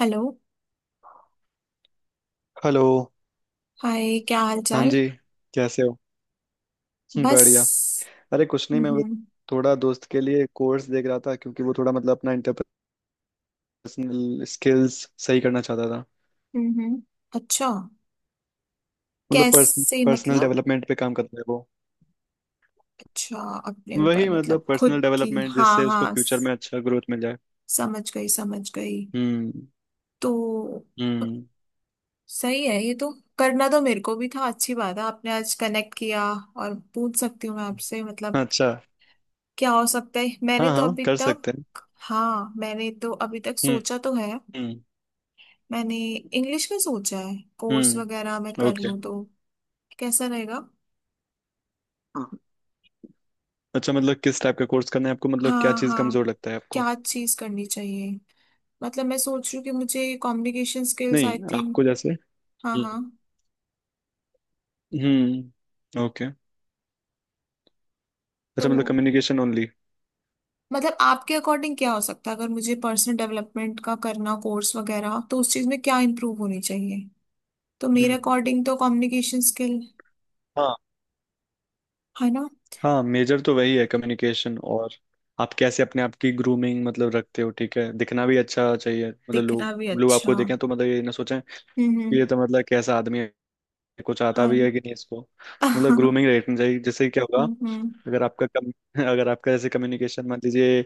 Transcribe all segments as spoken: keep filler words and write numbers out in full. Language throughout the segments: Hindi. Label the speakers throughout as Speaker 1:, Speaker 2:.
Speaker 1: हेलो।
Speaker 2: हेलो।
Speaker 1: हाय, क्या हाल
Speaker 2: हाँ
Speaker 1: चाल।
Speaker 2: जी। कैसे हो?
Speaker 1: बस।
Speaker 2: बढ़िया। अरे कुछ नहीं, मैं वो
Speaker 1: हम्म।
Speaker 2: थोड़ा दोस्त के लिए कोर्स देख रहा था क्योंकि वो थोड़ा मतलब अपना इंटरपर्सनल स्किल्स सही करना चाहता था।
Speaker 1: हम्म। अच्छा।
Speaker 2: मतलब पर्सन
Speaker 1: कैसे
Speaker 2: पर्सनल
Speaker 1: मतलब।
Speaker 2: डेवलपमेंट पे काम करता है वो।
Speaker 1: अच्छा। अपने ऊपर
Speaker 2: वही
Speaker 1: मतलब
Speaker 2: मतलब पर्सनल
Speaker 1: खुद की,
Speaker 2: डेवलपमेंट
Speaker 1: हाँ
Speaker 2: जिससे उसको
Speaker 1: हाँ
Speaker 2: फ्यूचर
Speaker 1: स-
Speaker 2: में अच्छा ग्रोथ मिल जाए।
Speaker 1: समझ गई समझ गई।
Speaker 2: हम्म
Speaker 1: तो
Speaker 2: हम्म
Speaker 1: सही है ये तो। करना तो मेरे को भी था, अच्छी बात है आपने आज कनेक्ट किया। और पूछ सकती हूँ मैं आपसे मतलब
Speaker 2: अच्छा।
Speaker 1: क्या हो सकता है, मैंने
Speaker 2: हाँ
Speaker 1: तो
Speaker 2: हाँ
Speaker 1: अभी
Speaker 2: कर
Speaker 1: तक।
Speaker 2: सकते हैं।
Speaker 1: हाँ, मैंने तो अभी तक
Speaker 2: हम्म
Speaker 1: सोचा तो है।
Speaker 2: हम्म
Speaker 1: मैंने इंग्लिश का सोचा है, कोर्स वगैरह मैं
Speaker 2: हम्म
Speaker 1: कर
Speaker 2: ओके।
Speaker 1: लूँ तो कैसा रहेगा।
Speaker 2: अच्छा, मतलब किस टाइप का कोर्स करना है आपको, मतलब क्या
Speaker 1: हाँ
Speaker 2: चीज़
Speaker 1: हाँ।
Speaker 2: कमजोर लगता है आपको?
Speaker 1: क्या चीज करनी चाहिए। मतलब मैं सोच रही हूँ कि मुझे कम्युनिकेशन स्किल्स, आई
Speaker 2: नहीं,
Speaker 1: थिंक।
Speaker 2: आपको जैसे।
Speaker 1: हाँ हाँ।
Speaker 2: हम्म हम्म ओके।
Speaker 1: तो
Speaker 2: अच्छा मतलब कम्युनिकेशन ओनली।
Speaker 1: मतलब आपके अकॉर्डिंग क्या हो सकता है, अगर मुझे पर्सनल डेवलपमेंट का करना कोर्स वगैरह तो उस चीज में क्या इम्प्रूव होनी चाहिए। तो मेरे
Speaker 2: हम्म।
Speaker 1: अकॉर्डिंग तो कम्युनिकेशन स्किल,
Speaker 2: हाँ
Speaker 1: है ना।
Speaker 2: हाँ मेजर तो वही है कम्युनिकेशन। और आप कैसे अपने आप की ग्रूमिंग मतलब रखते हो, ठीक है, दिखना भी अच्छा चाहिए, मतलब लोग
Speaker 1: दिखना भी
Speaker 2: लोग
Speaker 1: अच्छा,
Speaker 2: आपको
Speaker 1: हम्म
Speaker 2: देखें तो मतलब ये ना सोचें कि
Speaker 1: हम्म।
Speaker 2: ये तो मतलब कैसा आदमी है, कुछ आता
Speaker 1: हाँ
Speaker 2: भी
Speaker 1: ना।
Speaker 2: है कि नहीं इसको। मतलब ग्रूमिंग रखनी चाहिए जिससे क्या होगा।
Speaker 1: हम्म हम्म
Speaker 2: अगर आपका कम अगर आपका जैसे कम्युनिकेशन मान लीजिए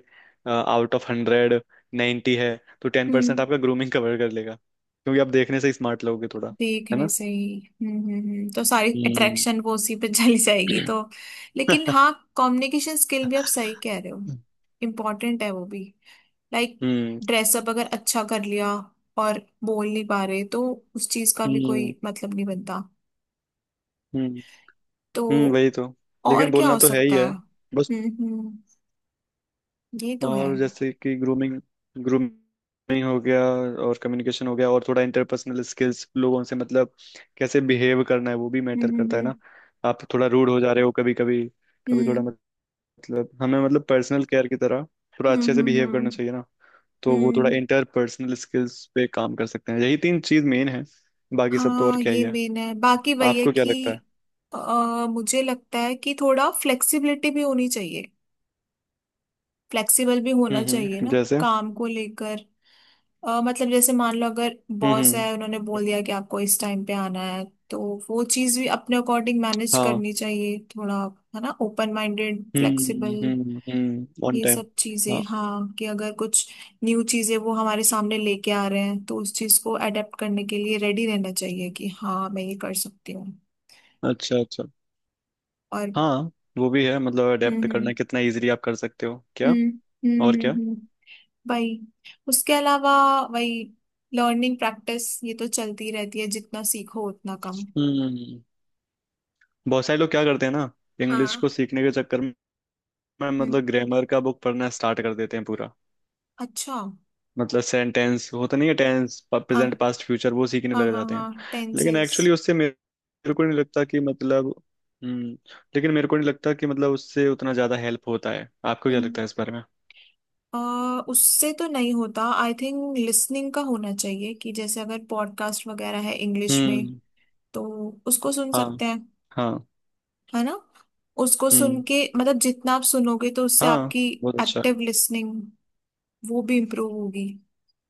Speaker 2: आउट ऑफ हंड्रेड नाइंटी है तो टेन परसेंट
Speaker 1: हम्म।
Speaker 2: आपका ग्रूमिंग कवर कर लेगा, क्योंकि आप देखने से स्मार्ट लगोगे थोड़ा। है
Speaker 1: देखने
Speaker 2: ना?
Speaker 1: से ही, हम्म हम्म हम्म। तो सारी
Speaker 2: हम्म।
Speaker 1: अट्रैक्शन वो उसी पे चली जाएगी तो। लेकिन हाँ, कम्युनिकेशन स्किल भी आप सही कह रहे हो। इम्पोर्टेंट है वो भी। लाइक,
Speaker 2: हम्म
Speaker 1: ड्रेसअप अगर अच्छा कर लिया और बोल नहीं पा रहे तो उस चीज का भी
Speaker 2: हम्म
Speaker 1: कोई मतलब नहीं बनता।
Speaker 2: हम्म हम्म,
Speaker 1: तो
Speaker 2: वही तो।
Speaker 1: और
Speaker 2: लेकिन
Speaker 1: क्या
Speaker 2: बोलना
Speaker 1: हो
Speaker 2: तो है ही
Speaker 1: सकता
Speaker 2: है
Speaker 1: है।
Speaker 2: बस।
Speaker 1: हम्म हम्म। ये तो है।
Speaker 2: और जैसे कि ग्रूमिंग, ग्रूमिंग हो गया, और कम्युनिकेशन हो गया, और थोड़ा इंटरपर्सनल स्किल्स लोगों से मतलब कैसे बिहेव करना है वो भी मैटर
Speaker 1: हम्म
Speaker 2: करता है
Speaker 1: हम्म
Speaker 2: ना। आप थोड़ा रूड हो जा रहे हो कभी कभी, कभी थोड़ा
Speaker 1: हम्म
Speaker 2: मतलब हमें मतलब पर्सनल केयर की तरह थोड़ा
Speaker 1: हम्म
Speaker 2: अच्छे से
Speaker 1: हम्म
Speaker 2: बिहेव करना
Speaker 1: हम्म
Speaker 2: चाहिए ना। तो वो
Speaker 1: हम्म,
Speaker 2: थोड़ा
Speaker 1: हम्म।
Speaker 2: इंटरपर्सनल स्किल्स पे काम कर सकते हैं, यही तीन चीज मेन है। बाकी सब तो और
Speaker 1: हाँ
Speaker 2: क्या ही
Speaker 1: ये
Speaker 2: है?
Speaker 1: मेन है, बाकी वही है
Speaker 2: आपको क्या
Speaker 1: कि
Speaker 2: लगता है?
Speaker 1: अ, मुझे लगता है कि थोड़ा फ्लेक्सिबिलिटी भी होनी चाहिए। फ्लेक्सिबल भी होना
Speaker 2: हम्म
Speaker 1: चाहिए
Speaker 2: हम्म
Speaker 1: ना
Speaker 2: जैसे।
Speaker 1: काम को लेकर। अ, मतलब जैसे मान लो अगर
Speaker 2: हम्म
Speaker 1: बॉस
Speaker 2: हम्म
Speaker 1: है, उन्होंने बोल दिया कि आपको इस टाइम पे आना है, तो वो चीज भी अपने अकॉर्डिंग मैनेज
Speaker 2: हाँ
Speaker 1: करनी चाहिए थोड़ा। है ना, open minded,
Speaker 2: hmm
Speaker 1: flexible.
Speaker 2: Hmm hmm on
Speaker 1: ये
Speaker 2: टाइम।
Speaker 1: सब चीजें।
Speaker 2: हाँ
Speaker 1: हाँ, कि अगर कुछ न्यू चीजें वो हमारे सामने लेके आ रहे हैं तो उस चीज को अडेप्ट करने के लिए रेडी रहना चाहिए कि हाँ मैं ये कर सकती हूँ।
Speaker 2: अच्छा अच्छा।
Speaker 1: और
Speaker 2: हाँ वो भी है, मतलब
Speaker 1: हम्म
Speaker 2: अडेप्ट
Speaker 1: हम्म।
Speaker 2: करना कितना इजीली आप कर सकते हो क्या।
Speaker 1: हम्म। हम्म
Speaker 2: और
Speaker 1: हम्म
Speaker 2: क्या।
Speaker 1: हम्म, वही। उसके अलावा वही, लर्निंग प्रैक्टिस, ये तो चलती रहती है, जितना सीखो उतना कम।
Speaker 2: हम्म। बहुत सारे लोग क्या करते हैं ना, इंग्लिश को
Speaker 1: हाँ।
Speaker 2: सीखने के चक्कर में
Speaker 1: हम्म।
Speaker 2: मतलब ग्रामर का बुक पढ़ना स्टार्ट कर देते हैं पूरा।
Speaker 1: अच्छा।
Speaker 2: मतलब सेंटेंस होता नहीं है, टेंस प्रेजेंट
Speaker 1: हाँ
Speaker 2: पास्ट फ्यूचर वो सीखने
Speaker 1: हाँ
Speaker 2: लग
Speaker 1: हाँ
Speaker 2: जाते हैं।
Speaker 1: हाँ,
Speaker 2: लेकिन
Speaker 1: टेंसेस।
Speaker 2: एक्चुअली उससे मेरे मेरे को नहीं लगता कि मतलब। हम्म। लेकिन मेरे को नहीं लगता कि मतलब उससे उतना ज्यादा हेल्प होता है, आपको क्या
Speaker 1: हम्म।
Speaker 2: लगता है इस बारे में?
Speaker 1: अ, उससे तो नहीं होता, आई थिंक लिसनिंग का होना चाहिए। कि जैसे अगर पॉडकास्ट वगैरह है इंग्लिश में
Speaker 2: हम्म
Speaker 1: तो उसको सुन
Speaker 2: हाँ
Speaker 1: सकते हैं,
Speaker 2: हाँ
Speaker 1: है ना। उसको सुन
Speaker 2: हम्म
Speaker 1: के मतलब जितना आप सुनोगे तो उससे
Speaker 2: हाँ
Speaker 1: आपकी
Speaker 2: बहुत अच्छा।
Speaker 1: एक्टिव लिसनिंग, वो भी इम्प्रूव होगी।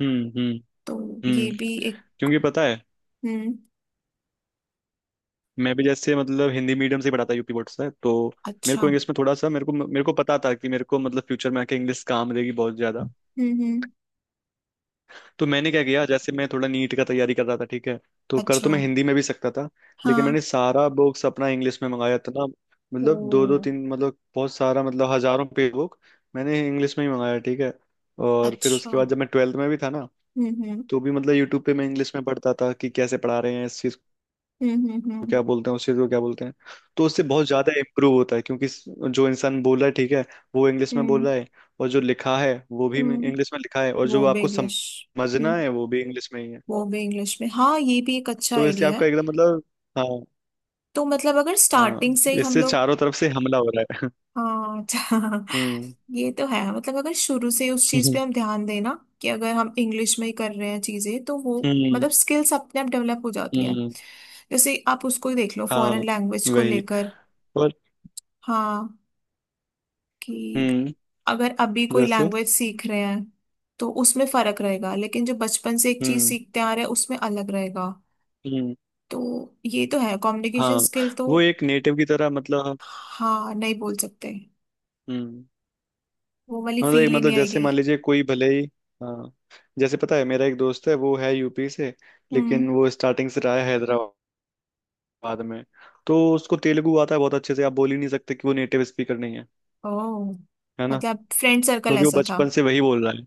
Speaker 2: हम्म हम्म
Speaker 1: तो ये
Speaker 2: हम्म।
Speaker 1: भी एक।
Speaker 2: क्योंकि पता है,
Speaker 1: हम्म।
Speaker 2: मैं भी जैसे मतलब हिंदी मीडियम से ही पढ़ा था, यूपी बोर्ड से, तो मेरे
Speaker 1: अच्छा।
Speaker 2: को इंग्लिश में थोड़ा सा मेरे को मेरे को पता था कि मेरे को मतलब फ्यूचर में आके इंग्लिश काम देगी बहुत ज्यादा।
Speaker 1: हम्म हम्म।
Speaker 2: तो मैंने क्या किया, जैसे मैं थोड़ा नीट का तैयारी कर रहा था, ठीक है, तो कर
Speaker 1: अच्छा।
Speaker 2: तो मैं हिंदी में भी सकता था। लेकिन
Speaker 1: हाँ।
Speaker 2: मैंने सारा बुक्स अपना इंग्लिश में मंगाया था ना। मतलब दो दो
Speaker 1: ओ।
Speaker 2: तीन मतलब बहुत सारा मतलब हजारों पेज बुक मैंने इंग्लिश में ही मंगाया, ठीक है। और फिर
Speaker 1: अच्छा
Speaker 2: उसके बाद
Speaker 1: हम्म।
Speaker 2: जब मैं ट्वेल्थ में भी था ना,
Speaker 1: हम्म।
Speaker 2: तो भी मतलब यूट्यूब पे मैं इंग्लिश में पढ़ता था कि कैसे पढ़ा रहे हैं इस चीज,
Speaker 1: हम्म। हम्म हम्म
Speaker 2: क्या बोलते हैं उस चीज को, क्या बोलते हैं। तो उससे बहुत ज्यादा इम्प्रूव होता है, क्योंकि स- जो इंसान बोल रहा है, ठीक है, वो इंग्लिश में बोल
Speaker 1: हम्म।
Speaker 2: रहा है, और जो लिखा है वो भी
Speaker 1: हम्म,
Speaker 2: इंग्लिश में लिखा है, और जो
Speaker 1: वो भी
Speaker 2: आपको सम-
Speaker 1: इंग्लिश। हम्म।
Speaker 2: समझना है वो भी इंग्लिश में ही है।
Speaker 1: वो भी इंग्लिश में, हाँ ये भी एक अच्छा
Speaker 2: तो इससे
Speaker 1: आइडिया है।
Speaker 2: आपका एकदम मतलब। हाँ।
Speaker 1: तो मतलब अगर
Speaker 2: हाँ
Speaker 1: स्टार्टिंग से ही हम
Speaker 2: इससे
Speaker 1: लोग।
Speaker 2: चारों तरफ से हमला हो रहा है।
Speaker 1: हाँ अच्छा।
Speaker 2: हम्म।
Speaker 1: ये तो है मतलब अगर शुरू से ही उस चीज पे हम ध्यान देना कि अगर हम इंग्लिश में ही कर रहे हैं चीजें तो वो
Speaker 2: हम्म
Speaker 1: मतलब स्किल्स अपने आप डेवलप हो जाती है।
Speaker 2: हम्म
Speaker 1: जैसे आप उसको ही देख लो,
Speaker 2: हाँ
Speaker 1: फॉरेन लैंग्वेज को
Speaker 2: वही
Speaker 1: लेकर।
Speaker 2: और।
Speaker 1: हाँ, कि
Speaker 2: हम्म
Speaker 1: अगर अभी कोई
Speaker 2: जैसे।
Speaker 1: लैंग्वेज सीख रहे हैं तो उसमें फर्क रहेगा, लेकिन जो बचपन से एक चीज
Speaker 2: हम्म
Speaker 1: सीखते आ रहे हैं उसमें अलग रहेगा।
Speaker 2: हम्म।
Speaker 1: तो ये तो है, कम्युनिकेशन
Speaker 2: हाँ
Speaker 1: स्किल तो।
Speaker 2: वो एक नेटिव की तरह मतलब।
Speaker 1: हाँ नहीं बोल सकते,
Speaker 2: हम्म
Speaker 1: वो वाली
Speaker 2: हाँ तो एक
Speaker 1: फील ही नहीं
Speaker 2: मतलब जैसे
Speaker 1: आएगी।
Speaker 2: मान लीजिए कोई भले ही। हाँ जैसे पता है मेरा एक दोस्त है वो है यूपी से,
Speaker 1: हम्म।
Speaker 2: लेकिन वो स्टार्टिंग से रहा है हैदराबाद में, तो उसको तेलुगु आता है बहुत अच्छे से, आप बोल ही नहीं सकते कि वो नेटिव स्पीकर नहीं है,
Speaker 1: ओह,
Speaker 2: है ना।
Speaker 1: मतलब फ्रेंड सर्कल
Speaker 2: क्योंकि वो
Speaker 1: ऐसा था।
Speaker 2: बचपन से वही बोल रहा है।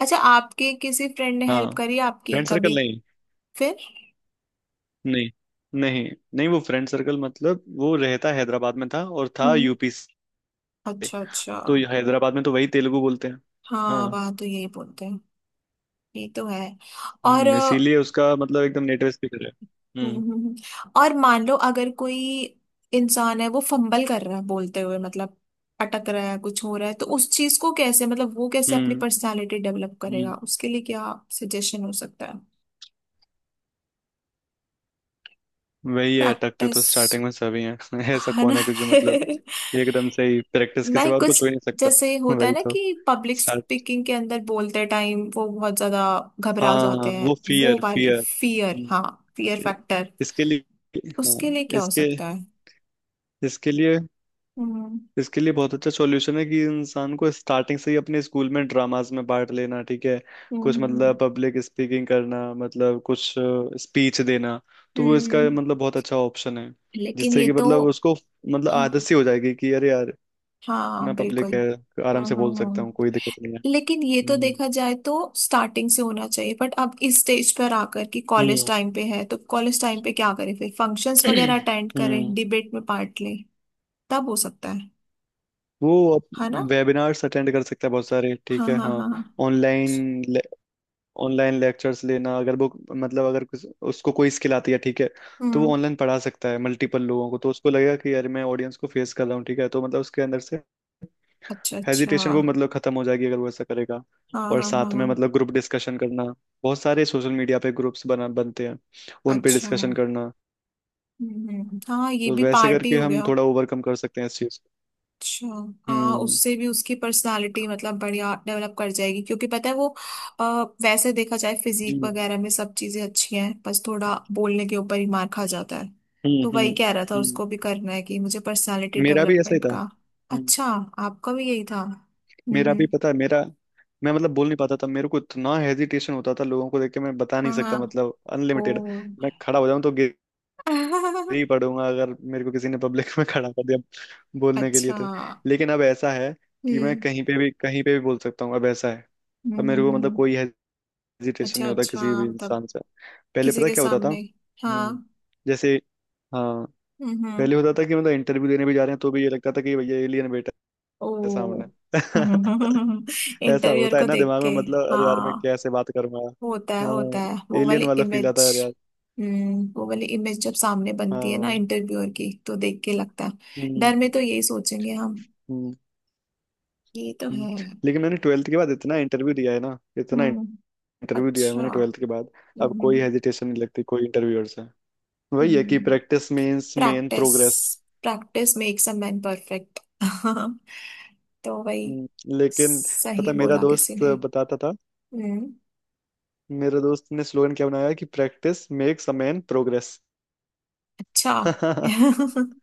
Speaker 1: अच्छा, आपके किसी फ्रेंड ने हेल्प
Speaker 2: हाँ
Speaker 1: करी आपकी
Speaker 2: फ्रेंड सर्कल
Speaker 1: कभी।
Speaker 2: नहीं,
Speaker 1: फिर।
Speaker 2: नहीं नहीं नहीं। वो फ्रेंड सर्कल मतलब वो रहता हैदराबाद में था और था
Speaker 1: हम्म।
Speaker 2: यूपी से,
Speaker 1: अच्छा अच्छा।
Speaker 2: तो हैदराबाद में तो वही तेलुगु बोलते हैं।
Speaker 1: हाँ
Speaker 2: हाँ।
Speaker 1: वहाँ तो यही बोलते हैं। ये तो है। और
Speaker 2: हम्म, इसीलिए उसका मतलब एकदम नेटिव स्पीकर है।
Speaker 1: हम्म,
Speaker 2: हम्म
Speaker 1: हम्म, हम्म। और मान लो अगर कोई इंसान है वो फंबल कर रहा है बोलते हुए मतलब अटक रहा है, कुछ हो रहा है, तो उस चीज को कैसे मतलब वो कैसे अपनी
Speaker 2: हम्म
Speaker 1: पर्सनालिटी डेवलप करेगा,
Speaker 2: हम्म।
Speaker 1: उसके लिए क्या सजेशन हो सकता है।
Speaker 2: वही है, अटकते तो
Speaker 1: प्रैक्टिस,
Speaker 2: स्टार्टिंग में सभी हैं। ऐसा
Speaker 1: है ना।
Speaker 2: कौन है कि जो मतलब एकदम से ही, प्रैक्टिस के
Speaker 1: ना
Speaker 2: सिवा और
Speaker 1: कुछ।
Speaker 2: कुछ हो ही नहीं सकता।
Speaker 1: जैसे होता है
Speaker 2: वही
Speaker 1: ना
Speaker 2: तो।
Speaker 1: कि पब्लिक
Speaker 2: स्टार्ट।
Speaker 1: स्पीकिंग के अंदर बोलते टाइम वो बहुत ज्यादा घबरा
Speaker 2: हाँ,
Speaker 1: जाते हैं।
Speaker 2: वो
Speaker 1: वो
Speaker 2: फियर
Speaker 1: वाली
Speaker 2: फियर
Speaker 1: फियर, हाँ, फियर फैक्टर,
Speaker 2: इसके लिए। हाँ,
Speaker 1: उसके लिए क्या हो
Speaker 2: इसके
Speaker 1: सकता है।
Speaker 2: इसके लिए
Speaker 1: हम्म
Speaker 2: इसके लिए बहुत अच्छा सॉल्यूशन है कि इंसान को स्टार्टिंग से ही अपने स्कूल में ड्रामास में पार्ट लेना, ठीक है।
Speaker 1: हम्म
Speaker 2: कुछ
Speaker 1: हम्म,
Speaker 2: मतलब पब्लिक स्पीकिंग करना मतलब कुछ स्पीच देना, तो वो
Speaker 1: हम्म।
Speaker 2: इसका मतलब बहुत अच्छा ऑप्शन है।
Speaker 1: लेकिन
Speaker 2: जिससे
Speaker 1: ये
Speaker 2: कि
Speaker 1: तो।
Speaker 2: मतलब उसको मतलब आदत
Speaker 1: हाँ
Speaker 2: सी हो जाएगी कि अरे यार, ना
Speaker 1: हाँ बिल्कुल।
Speaker 2: पब्लिक है,
Speaker 1: हम्म
Speaker 2: आराम से बोल
Speaker 1: हम्म
Speaker 2: सकता
Speaker 1: हम्म।
Speaker 2: हूँ, कोई दिक्कत नहीं है।
Speaker 1: लेकिन ये तो
Speaker 2: हम्म
Speaker 1: देखा जाए तो स्टार्टिंग से होना चाहिए, बट अब इस स्टेज पर आकर कि कॉलेज
Speaker 2: हम्म
Speaker 1: टाइम पे है तो कॉलेज टाइम पे क्या करें, फिर फंक्शंस वगैरह अटेंड करें,
Speaker 2: हम्म।
Speaker 1: डिबेट में पार्ट लें, तब हो सकता है
Speaker 2: वो
Speaker 1: है ना।
Speaker 2: वेबिनार्स अटेंड कर सकता है बहुत सारे, ठीक
Speaker 1: हाँ
Speaker 2: है,
Speaker 1: हाँ
Speaker 2: हाँ।
Speaker 1: हाँ हाँ।
Speaker 2: ऑनलाइन, ऑनलाइन लेक्चर्स लेना, अगर वो मतलब अगर किस- उसको कोई स्किल आती है, ठीक है, तो वो
Speaker 1: हम्म।
Speaker 2: ऑनलाइन पढ़ा सकता है मल्टीपल लोगों को, तो उसको लगेगा कि यार मैं ऑडियंस को फेस कर रहा हूँ, ठीक है, तो मतलब उसके अंदर से
Speaker 1: अच्छा अच्छा,
Speaker 2: हेजिटेशन
Speaker 1: हाँ।
Speaker 2: वो मतलब खत्म हो जाएगी अगर वो ऐसा करेगा।
Speaker 1: हाँ
Speaker 2: और
Speaker 1: हाँ
Speaker 2: साथ में
Speaker 1: हाँ।
Speaker 2: मतलब ग्रुप डिस्कशन करना, बहुत सारे सोशल मीडिया पे ग्रुप्स बना बनते हैं, उन पे
Speaker 1: अच्छा
Speaker 2: डिस्कशन
Speaker 1: हम्म।
Speaker 2: करना,
Speaker 1: हम्म। हाँ ये
Speaker 2: तो
Speaker 1: भी
Speaker 2: वैसे
Speaker 1: पार्टी
Speaker 2: करके
Speaker 1: हो
Speaker 2: हम
Speaker 1: गया।
Speaker 2: थोड़ा ओवरकम कर सकते हैं इस चीज को।
Speaker 1: अच्छा। हाँ,
Speaker 2: हम्म
Speaker 1: उससे भी उसकी पर्सनालिटी मतलब बढ़िया डेवलप कर जाएगी। क्योंकि पता है वो अ, वैसे देखा जाए फिजिक
Speaker 2: हम्म
Speaker 1: वगैरह में सब चीजें अच्छी हैं, बस थोड़ा बोलने के ऊपर ही मार खा जाता है।
Speaker 2: हम्म
Speaker 1: तो
Speaker 2: हम्म
Speaker 1: वही कह रहा था,
Speaker 2: हम्म।
Speaker 1: उसको भी करना है कि मुझे पर्सनालिटी
Speaker 2: मेरा भी ऐसा ही
Speaker 1: डेवलपमेंट
Speaker 2: था।
Speaker 1: का।
Speaker 2: हम्म।
Speaker 1: अच्छा। आपका भी यही था, हम्म
Speaker 2: मेरा भी
Speaker 1: हम्म।
Speaker 2: पता है मेरा, मैं मतलब बोल नहीं पाता था, मेरे को इतना हेजिटेशन होता था लोगों को देख के, मैं बता नहीं
Speaker 1: हाँ
Speaker 2: सकता
Speaker 1: हाँ।
Speaker 2: मतलब
Speaker 1: ओ।
Speaker 2: अनलिमिटेड। मैं खड़ा हो जाऊं तो गिर ही पड़ूंगा अगर मेरे को किसी ने पब्लिक में खड़ा कर दिया बोलने के लिए
Speaker 1: अच्छा
Speaker 2: तो।
Speaker 1: हम्म।
Speaker 2: लेकिन अब ऐसा है कि मैं कहीं पे भी कहीं पे भी बोल सकता हूँ, अब ऐसा है।
Speaker 1: हम्म
Speaker 2: अब मेरे को
Speaker 1: हम्म,
Speaker 2: मतलब
Speaker 1: हम्म।
Speaker 2: कोई हेजिटेशन
Speaker 1: अच्छा
Speaker 2: नहीं होता किसी
Speaker 1: अच्छा
Speaker 2: भी
Speaker 1: मतलब
Speaker 2: इंसान से। पहले
Speaker 1: किसी
Speaker 2: पता
Speaker 1: के
Speaker 2: क्या होता था।
Speaker 1: सामने।
Speaker 2: हम्म
Speaker 1: हाँ।
Speaker 2: जैसे। हाँ
Speaker 1: हम्म हम्म।
Speaker 2: पहले होता था कि मतलब इंटरव्यू देने भी जा रहे हैं तो भी ये लगता था कि भैया एलियन बैठा
Speaker 1: ओ।
Speaker 2: है सामने। ऐसा
Speaker 1: इंटरव्यूअर
Speaker 2: होता है
Speaker 1: को
Speaker 2: ना
Speaker 1: देख
Speaker 2: दिमाग
Speaker 1: के,
Speaker 2: में मतलब, अरे यार मैं
Speaker 1: हाँ।
Speaker 2: कैसे बात करूंगा।
Speaker 1: होता है
Speaker 2: हाँ
Speaker 1: होता है, वो
Speaker 2: एलियन
Speaker 1: वाली
Speaker 2: वाला फील आता
Speaker 1: इमेज।
Speaker 2: है, अरे यार।
Speaker 1: हम्म, वो वाली इमेज जब सामने बनती है ना
Speaker 2: हाँ
Speaker 1: इंटरव्यूअर की तो देख के लगता है।
Speaker 2: हम्म
Speaker 1: डर में तो यही सोचेंगे हम।
Speaker 2: हम्म
Speaker 1: ये तो है।
Speaker 2: हम्म। लेकिन मैंने ट्वेल्थ के बाद इतना इंटरव्यू दिया है ना, इतना
Speaker 1: हम्म।
Speaker 2: इंटरव्यू दिया है
Speaker 1: अच्छा।
Speaker 2: मैंने ट्वेल्थ के बाद। अब
Speaker 1: हम्म।
Speaker 2: कोई हेजिटेशन नहीं लगती कोई इंटरव्यूअर से, वही है कि practice means main
Speaker 1: practice.
Speaker 2: Progress.
Speaker 1: Practice makes a man perfect. तो वही,
Speaker 2: लेकिन पता
Speaker 1: सही
Speaker 2: है, मेरा
Speaker 1: बोला किसी
Speaker 2: दोस्त
Speaker 1: ने।
Speaker 2: बताता था,
Speaker 1: हम्म।
Speaker 2: मेरे दोस्त ने स्लोगन क्या बनाया कि practice makes a man progress.
Speaker 1: अच्छा।
Speaker 2: क्योंकि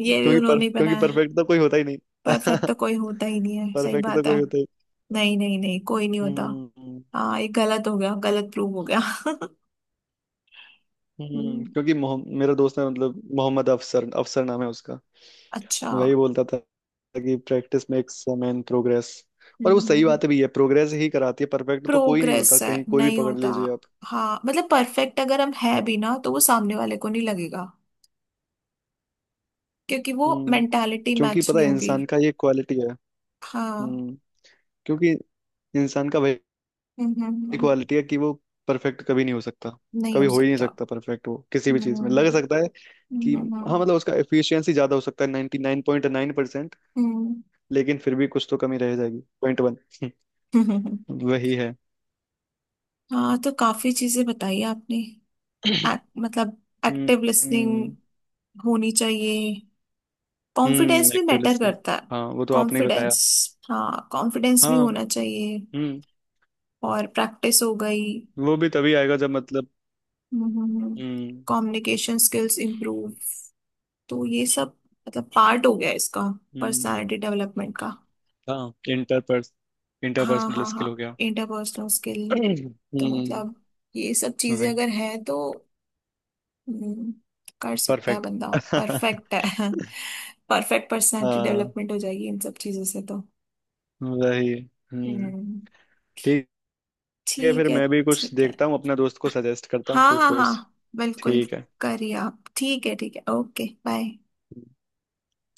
Speaker 1: ये भी
Speaker 2: पर,
Speaker 1: उन्होंने ही
Speaker 2: क्योंकि
Speaker 1: बनाया है।
Speaker 2: परफेक्ट तो कोई होता ही नहीं।
Speaker 1: परफेक्ट तो कोई होता ही नहीं है, सही
Speaker 2: परफेक्ट तो
Speaker 1: बात है।
Speaker 2: कोई होता ही।
Speaker 1: नहीं नहीं नहीं, कोई नहीं होता।
Speaker 2: हम्म
Speaker 1: हाँ ये गलत हो गया, गलत प्रूव हो गया।
Speaker 2: हम्म।
Speaker 1: हम्म,
Speaker 2: क्योंकि मोह- मेरा दोस्त है मतलब मोहम्मद अफसर, अफसर नाम है उसका।
Speaker 1: अच्छा।
Speaker 2: वही बोलता था कि practice makes a man progress. और वो सही बात भी है, प्रोग्रेस ही कराती है, परफेक्ट तो कोई नहीं होता,
Speaker 1: प्रोग्रेस है,
Speaker 2: कहीं कोई भी
Speaker 1: नहीं
Speaker 2: पकड़
Speaker 1: होता।
Speaker 2: लीजिए आप।
Speaker 1: हाँ मतलब परफेक्ट अगर हम है भी ना तो वो सामने वाले को नहीं लगेगा, क्योंकि वो
Speaker 2: हम्म।
Speaker 1: मेंटालिटी
Speaker 2: क्योंकि
Speaker 1: मैच
Speaker 2: पता
Speaker 1: नहीं
Speaker 2: है
Speaker 1: होगी।
Speaker 2: इंसान का ये क्वालिटी है।
Speaker 1: हाँ।
Speaker 2: हम्म। क्योंकि इंसान का वही
Speaker 1: हम्म हम्म, हम्म।
Speaker 2: क्वालिटी है कि वो परफेक्ट कभी नहीं हो सकता,
Speaker 1: नहीं
Speaker 2: कभी
Speaker 1: हो
Speaker 2: हो ही नहीं
Speaker 1: सकता।
Speaker 2: सकता परफेक्ट, वो किसी भी चीज में लग
Speaker 1: हम्म।
Speaker 2: सकता है। कि
Speaker 1: हम्म
Speaker 2: हाँ
Speaker 1: हम्म।
Speaker 2: मतलब उसका एफिशिएंसी ज्यादा हो सकता है ninety nine point nine percent,
Speaker 1: हम्म,
Speaker 2: लेकिन फिर भी कुछ तो कमी रह जाएगी, पॉइंट वन।
Speaker 1: हम्म।
Speaker 2: वही है।
Speaker 1: हाँ तो काफी चीजें बताई आपने। Act- मतलब एक्टिव लिसनिंग
Speaker 2: हम्म
Speaker 1: होनी चाहिए। कॉन्फिडेंस
Speaker 2: हम्म
Speaker 1: भी
Speaker 2: एक्टिव
Speaker 1: मैटर
Speaker 2: लिस्टिंग,
Speaker 1: करता है।
Speaker 2: हाँ वो तो आपने ही बताया।
Speaker 1: कॉन्फिडेंस, हाँ कॉन्फिडेंस भी
Speaker 2: हाँ
Speaker 1: होना चाहिए।
Speaker 2: हम्म
Speaker 1: और प्रैक्टिस हो गई।
Speaker 2: वो भी तभी आएगा जब मतलब। हम्म
Speaker 1: कम्युनिकेशन स्किल्स इम्प्रूव। तो ये सब मतलब पार्ट हो गया इसका,
Speaker 2: हम्म।
Speaker 1: पर्सनालिटी डेवलपमेंट का।
Speaker 2: हाँ इंटरपर्स
Speaker 1: हाँ
Speaker 2: इंटरपर्सनल
Speaker 1: हाँ हाँ,
Speaker 2: स्किल हो गया।
Speaker 1: Interpersonal skill. तो
Speaker 2: हम्म
Speaker 1: मतलब ये सब चीजें
Speaker 2: वही
Speaker 1: अगर हैं तो हम्म, कर सकता है
Speaker 2: परफेक्ट।
Speaker 1: बंदा। परफेक्ट है। परफेक्ट पर्सनालिटी
Speaker 2: हाँ
Speaker 1: डेवलपमेंट हो जाएगी इन सब चीजों से तो।
Speaker 2: वही। हम्म।
Speaker 1: हम्म।
Speaker 2: ठीक है,
Speaker 1: ठीक
Speaker 2: फिर
Speaker 1: है।
Speaker 2: मैं भी कुछ
Speaker 1: ठीक है,
Speaker 2: देखता हूँ, अपना दोस्त को सजेस्ट करता हूँ
Speaker 1: हाँ
Speaker 2: कोई
Speaker 1: हाँ हाँ,
Speaker 2: कोर्स,
Speaker 1: बिल्कुल।
Speaker 2: ठीक है।
Speaker 1: करिए आप, ठीक है ठीक है, ओके बाय।